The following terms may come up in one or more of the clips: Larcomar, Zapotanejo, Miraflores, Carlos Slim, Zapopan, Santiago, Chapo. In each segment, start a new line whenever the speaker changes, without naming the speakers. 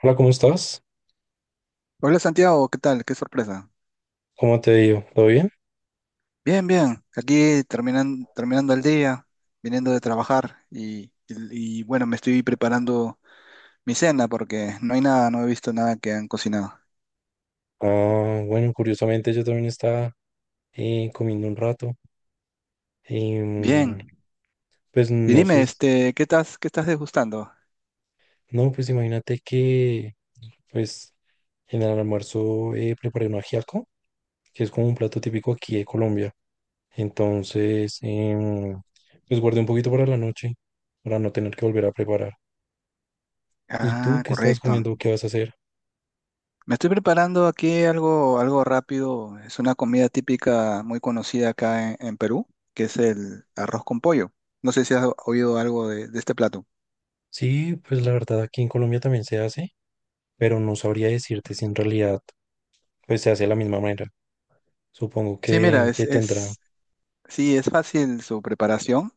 Hola, ¿cómo estás?
Hola Santiago, ¿qué tal? Qué sorpresa.
¿Cómo te digo? ¿Todo bien?
Bien, bien. Aquí terminando el día, viniendo de trabajar y, bueno, me estoy preparando mi cena porque no hay nada, no he visto nada que han cocinado.
Ah, bueno, curiosamente yo también estaba comiendo un rato. Em,
Bien.
pues
Y
no sé,
dime, este, ¿ qué estás degustando?
no, pues imagínate que pues en el almuerzo preparé un ajiaco, que es como un plato típico aquí de Colombia. Entonces, pues guardé un poquito para la noche, para no tener que volver a preparar. ¿Y tú
Ah,
qué estás
correcto.
comiendo? ¿Qué vas a hacer?
Me estoy preparando aquí algo rápido. Es una comida típica muy conocida acá en Perú, que es el arroz con pollo. No sé si has oído algo de este plato.
Sí, pues la verdad aquí en Colombia también se hace, pero no sabría decirte si en realidad pues se hace de la misma manera. Supongo
Sí,
que,
mira,
que tendrá,
sí, es fácil su preparación.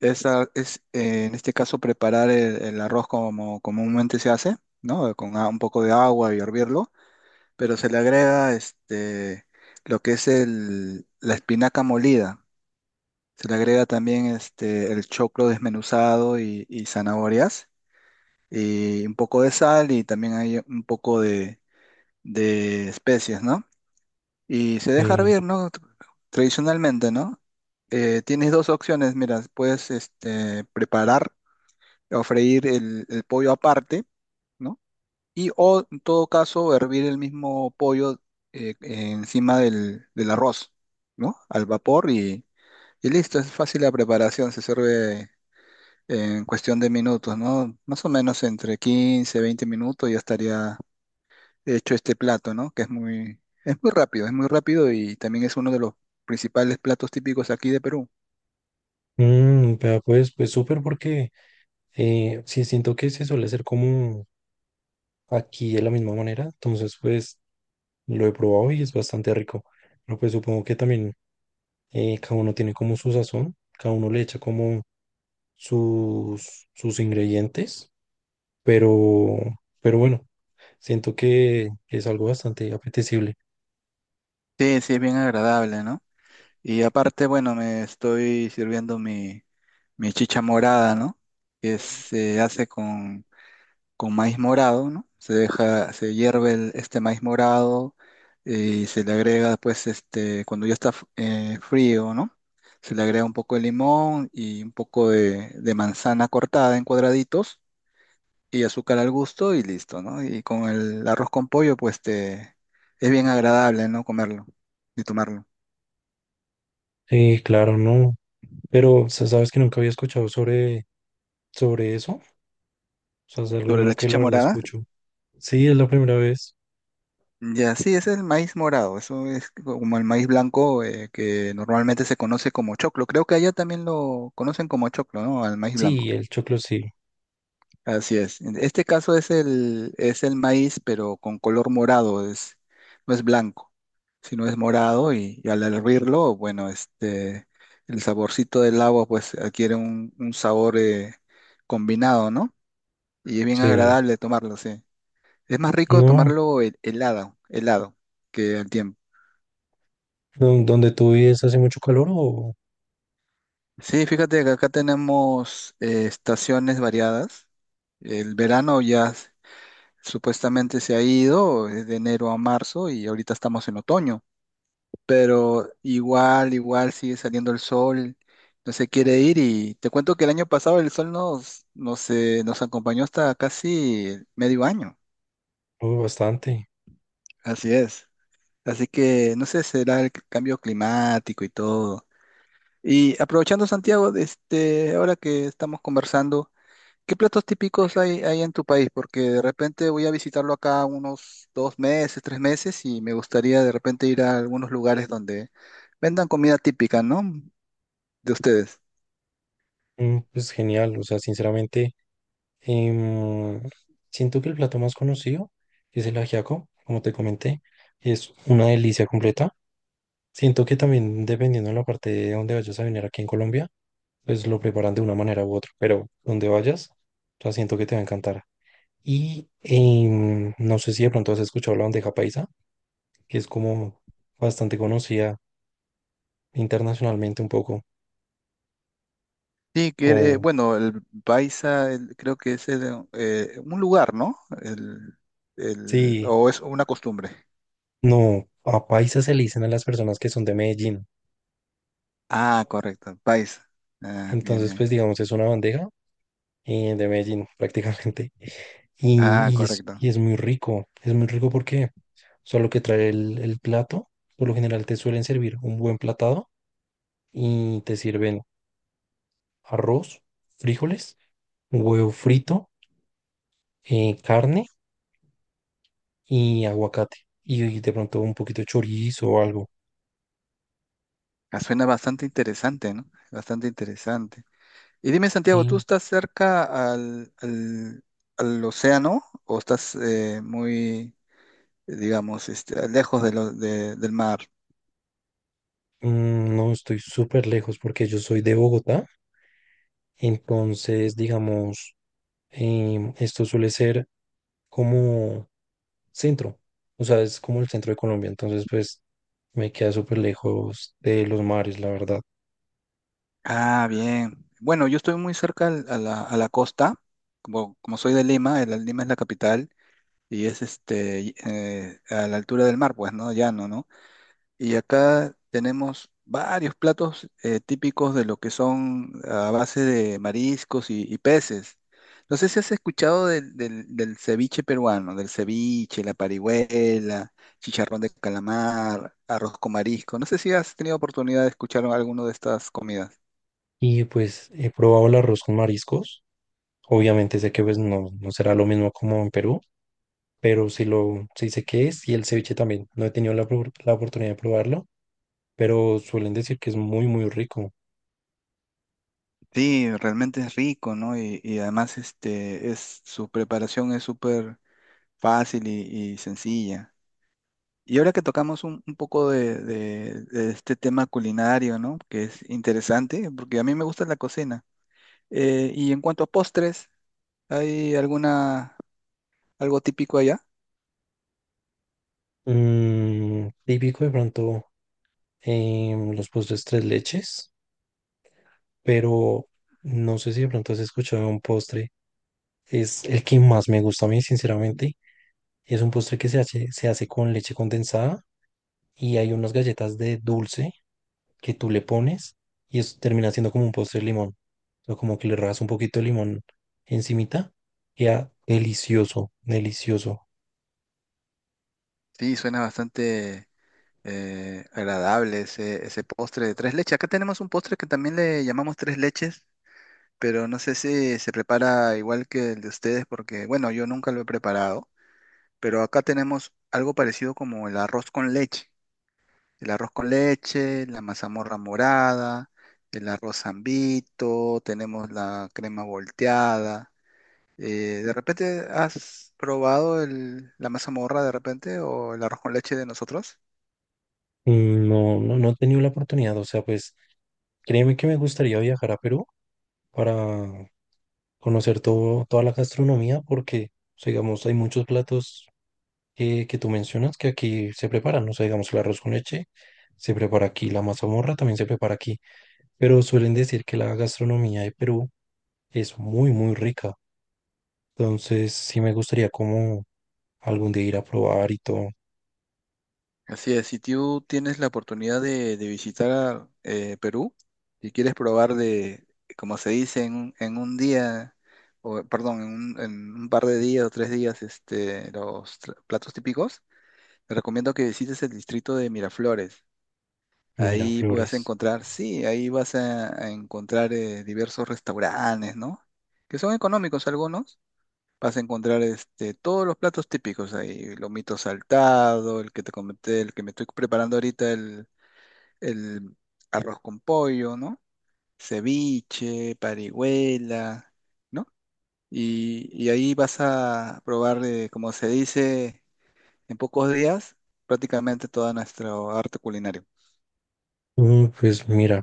En este caso preparar el arroz como comúnmente se hace, ¿no? Con un poco de agua y hervirlo, pero se le agrega este, lo que es la espinaca molida. Se le agrega también este, el choclo desmenuzado y zanahorias y un poco de sal y también hay un poco de especias, ¿no? Y se deja
sí.
hervir, ¿no? Tradicionalmente, ¿no? Tienes dos opciones, mira, puedes este, preparar o freír el pollo aparte, ¿no? Y o en todo caso hervir el mismo pollo encima del arroz, ¿no? Al vapor y listo, es fácil la preparación, se sirve en cuestión de minutos, ¿no? Más o menos entre 15 20 minutos ya estaría hecho este plato, ¿no? Que es muy rápido y también es uno de los principales platos típicos aquí de Perú.
Mm, vea, pues, pues súper porque sí siento que se suele hacer como aquí de la misma manera, entonces pues lo he probado y es bastante rico. Pero pues supongo que también cada uno tiene como su sazón, cada uno le echa como sus ingredientes, pero, pero bueno, siento que es algo bastante apetecible.
Sí, sí, es bien agradable, ¿no? Y aparte, bueno, me estoy sirviendo mi, mi chicha morada, ¿no? Que se hace con maíz morado, ¿no? Se deja, se hierve este maíz morado eh, y se le agrega, pues, este, cuando ya está frío, ¿no? Se le agrega un poco de limón y un poco de manzana cortada en cuadraditos y azúcar al gusto y listo, ¿no? Y con el arroz con pollo, pues te es bien agradable, ¿no? Comerlo y tomarlo.
Claro, no, pero sabes que nunca había escuchado sobre eso. O sea, es algo
Sobre la
nuevo que la
chicha
verdad
morada,
escucho. Sí, es la primera vez.
ya sí, ese es el maíz morado, eso es como el maíz blanco que normalmente se conoce como choclo. Creo que allá también lo conocen como choclo, ¿no? Al maíz
Sí,
blanco.
el choclo sí.
Así es. En este caso es es el maíz, pero con color morado, es, no es blanco. Si no es morado y al hervirlo, bueno, este, el saborcito del agua pues adquiere un sabor combinado, ¿no? Y es bien
Sí.
agradable tomarlo, sí. Es más rico
No,
tomarlo helado, helado, que al tiempo.
¿donde tú vives hace mucho calor
Sí, fíjate que acá tenemos estaciones variadas. El verano ya supuestamente se ha ido, es de enero a marzo y ahorita estamos en otoño. Pero igual, igual sigue saliendo el sol, no se quiere ir y te cuento que el año pasado el sol nos acompañó hasta casi medio año,
o bastante?
así es. Así que no sé, será el cambio climático y todo. Y aprovechando Santiago, de este, ahora que estamos conversando, ¿qué platos típicos hay en tu país? Porque de repente voy a visitarlo acá unos dos meses, tres meses y me gustaría de repente ir a algunos lugares donde vendan comida típica, ¿no? De ustedes.
Mm, pues genial. O sea, sinceramente, em, siento que el plato más conocido es el ajiaco, como te comenté. Es una delicia completa. Siento que también dependiendo de la parte de donde vayas a venir aquí en Colombia, pues lo preparan de una manera u otra. Pero donde vayas, o sea, siento que te va a encantar. Y no sé si de pronto has escuchado la bandeja paisa, que es como bastante conocida internacionalmente un poco.
Sí, que
O
bueno, el Baiza creo que es un lugar, ¿no? El,
sí,
o es una costumbre.
no, a paisa se le dicen a las personas que son de Medellín.
Ah, correcto, Baiza. Ah, bien,
Entonces,
bien.
pues digamos, es una bandeja de Medellín prácticamente. Y,
Ah, correcto.
y es muy rico porque solo que trae el plato, por lo general te suelen servir un buen platado y te sirven arroz, frijoles, huevo frito, carne y aguacate. Y, de pronto un poquito de chorizo o algo.
Ah, suena bastante interesante, ¿no? Bastante interesante. Y dime, Santiago, ¿tú
Y
estás cerca al, al, al océano o estás muy, digamos, este, lejos de del mar?
mm, no estoy súper lejos porque yo soy de Bogotá. Entonces, digamos, esto suele ser como centro. O sea, es como el centro de Colombia. Entonces, pues me queda súper lejos de los mares, la verdad.
Ah, bien. Bueno, yo estoy muy cerca a la costa, como, como soy de Lima, la Lima es la capital y es a la altura del mar, pues, ¿no? Llano, ¿no? Y acá tenemos varios platos típicos de lo que son a base de mariscos y peces. No sé si has escuchado del ceviche peruano, del ceviche, la parihuela, chicharrón de calamar, arroz con marisco. No sé si has tenido oportunidad de escuchar alguno de estas comidas.
Y pues he probado el arroz con mariscos. Obviamente sé que pues no, no será lo mismo como en Perú, pero sí lo sí sé qué es y el ceviche también. No he tenido la, la oportunidad de probarlo, pero suelen decir que es muy, muy rico.
Sí, realmente es rico, ¿no? Y además este es su preparación es súper fácil y sencilla. Y ahora que tocamos un poco de este tema culinario, ¿no? Que es interesante, porque a mí me gusta la cocina. Y en cuanto a postres, ¿hay alguna algo típico allá?
Mm, típico de pronto los postres tres leches, pero no sé si de pronto has escuchado un postre. Es el que más me gusta a mí, sinceramente. Es un postre que se hace con leche condensada y hay unas galletas de dulce que tú le pones y eso termina siendo como un postre de limón. O como que le rajas un poquito de limón encimita. Queda delicioso, delicioso.
Sí, suena bastante agradable ese postre de tres leches. Acá tenemos un postre que también le llamamos tres leches, pero no sé si se prepara igual que el de ustedes, porque bueno, yo nunca lo he preparado, pero acá tenemos algo parecido como el arroz con leche. El arroz con leche, la mazamorra morada, el arroz zambito, tenemos la crema volteada. ¿De repente has probado la mazamorra de repente o el arroz con leche de nosotros?
Mm, no, no, no he tenido la oportunidad, o sea, pues créeme que me gustaría viajar a Perú para conocer todo, toda la gastronomía porque, o sea, digamos, hay muchos platos que tú mencionas que aquí se preparan, ¿no? O sea, digamos, el arroz con leche se prepara aquí, la mazamorra también se prepara aquí, pero suelen decir que la gastronomía de Perú es muy, muy rica. Entonces, sí me gustaría como algún día ir a probar y todo.
Así es, si tú tienes la oportunidad de visitar Perú y quieres probar de, como se dice, un en un día, o perdón, en un par de días o tres días, este, los platos típicos, te recomiendo que visites el distrito de Miraflores.
Mira,
Ahí vas a
Flores.
encontrar, sí, ahí vas a encontrar diversos restaurantes, ¿no? Que son económicos algunos. Vas a encontrar este, todos los platos típicos ahí, lomito saltado, el que te comenté, el que me estoy preparando ahorita, el arroz con pollo, ¿no? Ceviche, parihuela, ¿no? Y ahí vas a probar, como se dice, en pocos días, prácticamente toda nuestra arte culinario.
Mm, pues mira,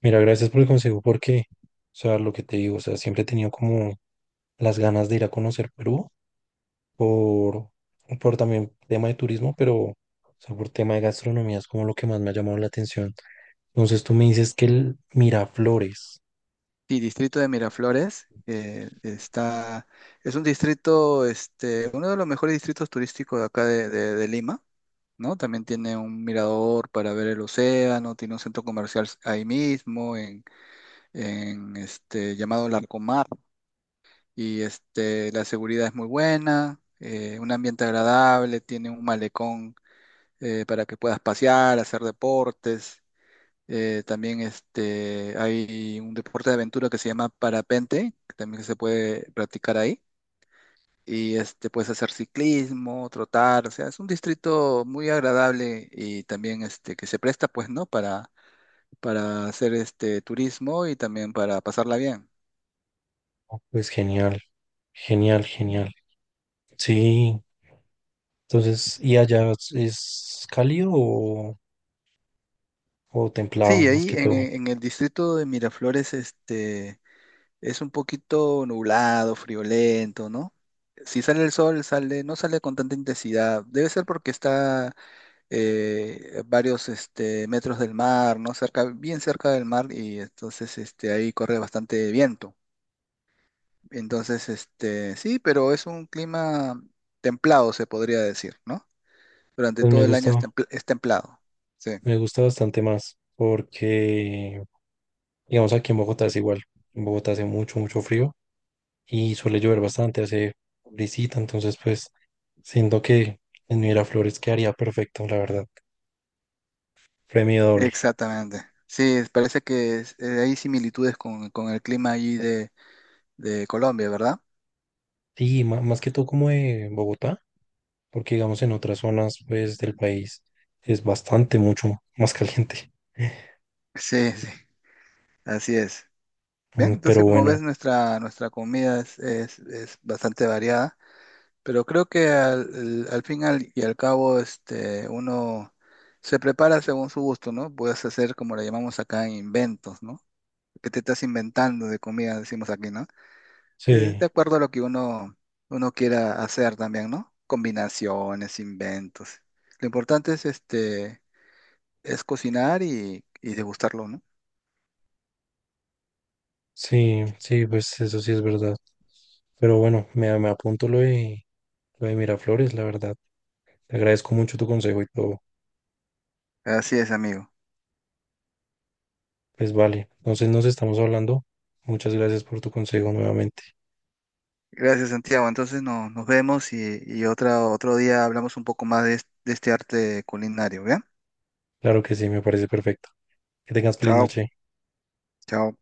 mira, gracias por el consejo porque, o sea, lo que te digo, o sea, siempre he tenido como las ganas de ir a conocer Perú por, por también tema de turismo, pero o sea, por tema de gastronomía es como lo que más me ha llamado la atención. Entonces tú me dices que el Miraflores,
Sí, distrito de Miraflores, está, es un distrito, este, uno de los mejores distritos turísticos de acá de Lima, ¿no? También tiene un mirador para ver el océano, tiene un centro comercial ahí mismo, este, llamado Larcomar, y este, la seguridad es muy buena, un ambiente agradable, tiene un malecón para que puedas pasear, hacer deportes. Eh, también este, hay un deporte de aventura que se llama parapente, que también se puede practicar ahí y este, puedes hacer ciclismo, trotar, o sea, es un distrito muy agradable y también este, que se presta, pues, ¿no? Para hacer este turismo y también para pasarla bien.
pues genial, genial, genial. Sí, entonces, ¿y allá es cálido o templado
Sí,
más
ahí
que todo?
en el distrito de Miraflores, este, es un poquito nublado, friolento, ¿no? Si sale el sol, sale, no sale con tanta intensidad. Debe ser porque está varios este, metros del mar, ¿no? Cerca, bien cerca del mar y entonces este, ahí corre bastante viento. Entonces, este, sí, pero es un clima templado, se podría decir, ¿no? Durante
Pues
todo el año es, es templado. Sí,
me gusta bastante más porque, digamos, aquí en Bogotá es igual. En Bogotá hace mucho, mucho frío y suele llover bastante, hace brisita, entonces pues siento que en Miraflores quedaría perfecto, la verdad. Premio doble.
exactamente. Sí, parece que hay similitudes con el clima allí de Colombia, ¿verdad?
Sí, más que todo como de Bogotá, porque digamos en otras zonas pues del país es bastante mucho más caliente.
Sí, sí, así es. Bien,
Mm, pero
entonces como
bueno,
ves, nuestra, nuestra comida es bastante variada, pero creo que al fin y al cabo, este, uno se prepara según su gusto, ¿no? Puedes hacer como le llamamos acá inventos, ¿no? Que te estás inventando de comida, decimos aquí, ¿no? Es
sí,
de acuerdo a lo que uno, uno quiera hacer también, ¿no? Combinaciones, inventos. Lo importante es este, es cocinar y degustarlo, ¿no?
sí, sí, pues eso sí es verdad. Pero bueno, me apunto lo de Miraflores, la verdad. Te agradezco mucho tu consejo y todo.
Así es, amigo.
Pues vale, entonces nos estamos hablando. Muchas gracias por tu consejo nuevamente.
Gracias, Santiago. Entonces nos vemos y otra, otro día hablamos un poco más de, de este arte culinario, ¿bien?
Claro que sí, me parece perfecto. Que tengas feliz
Chao,
noche.
chao.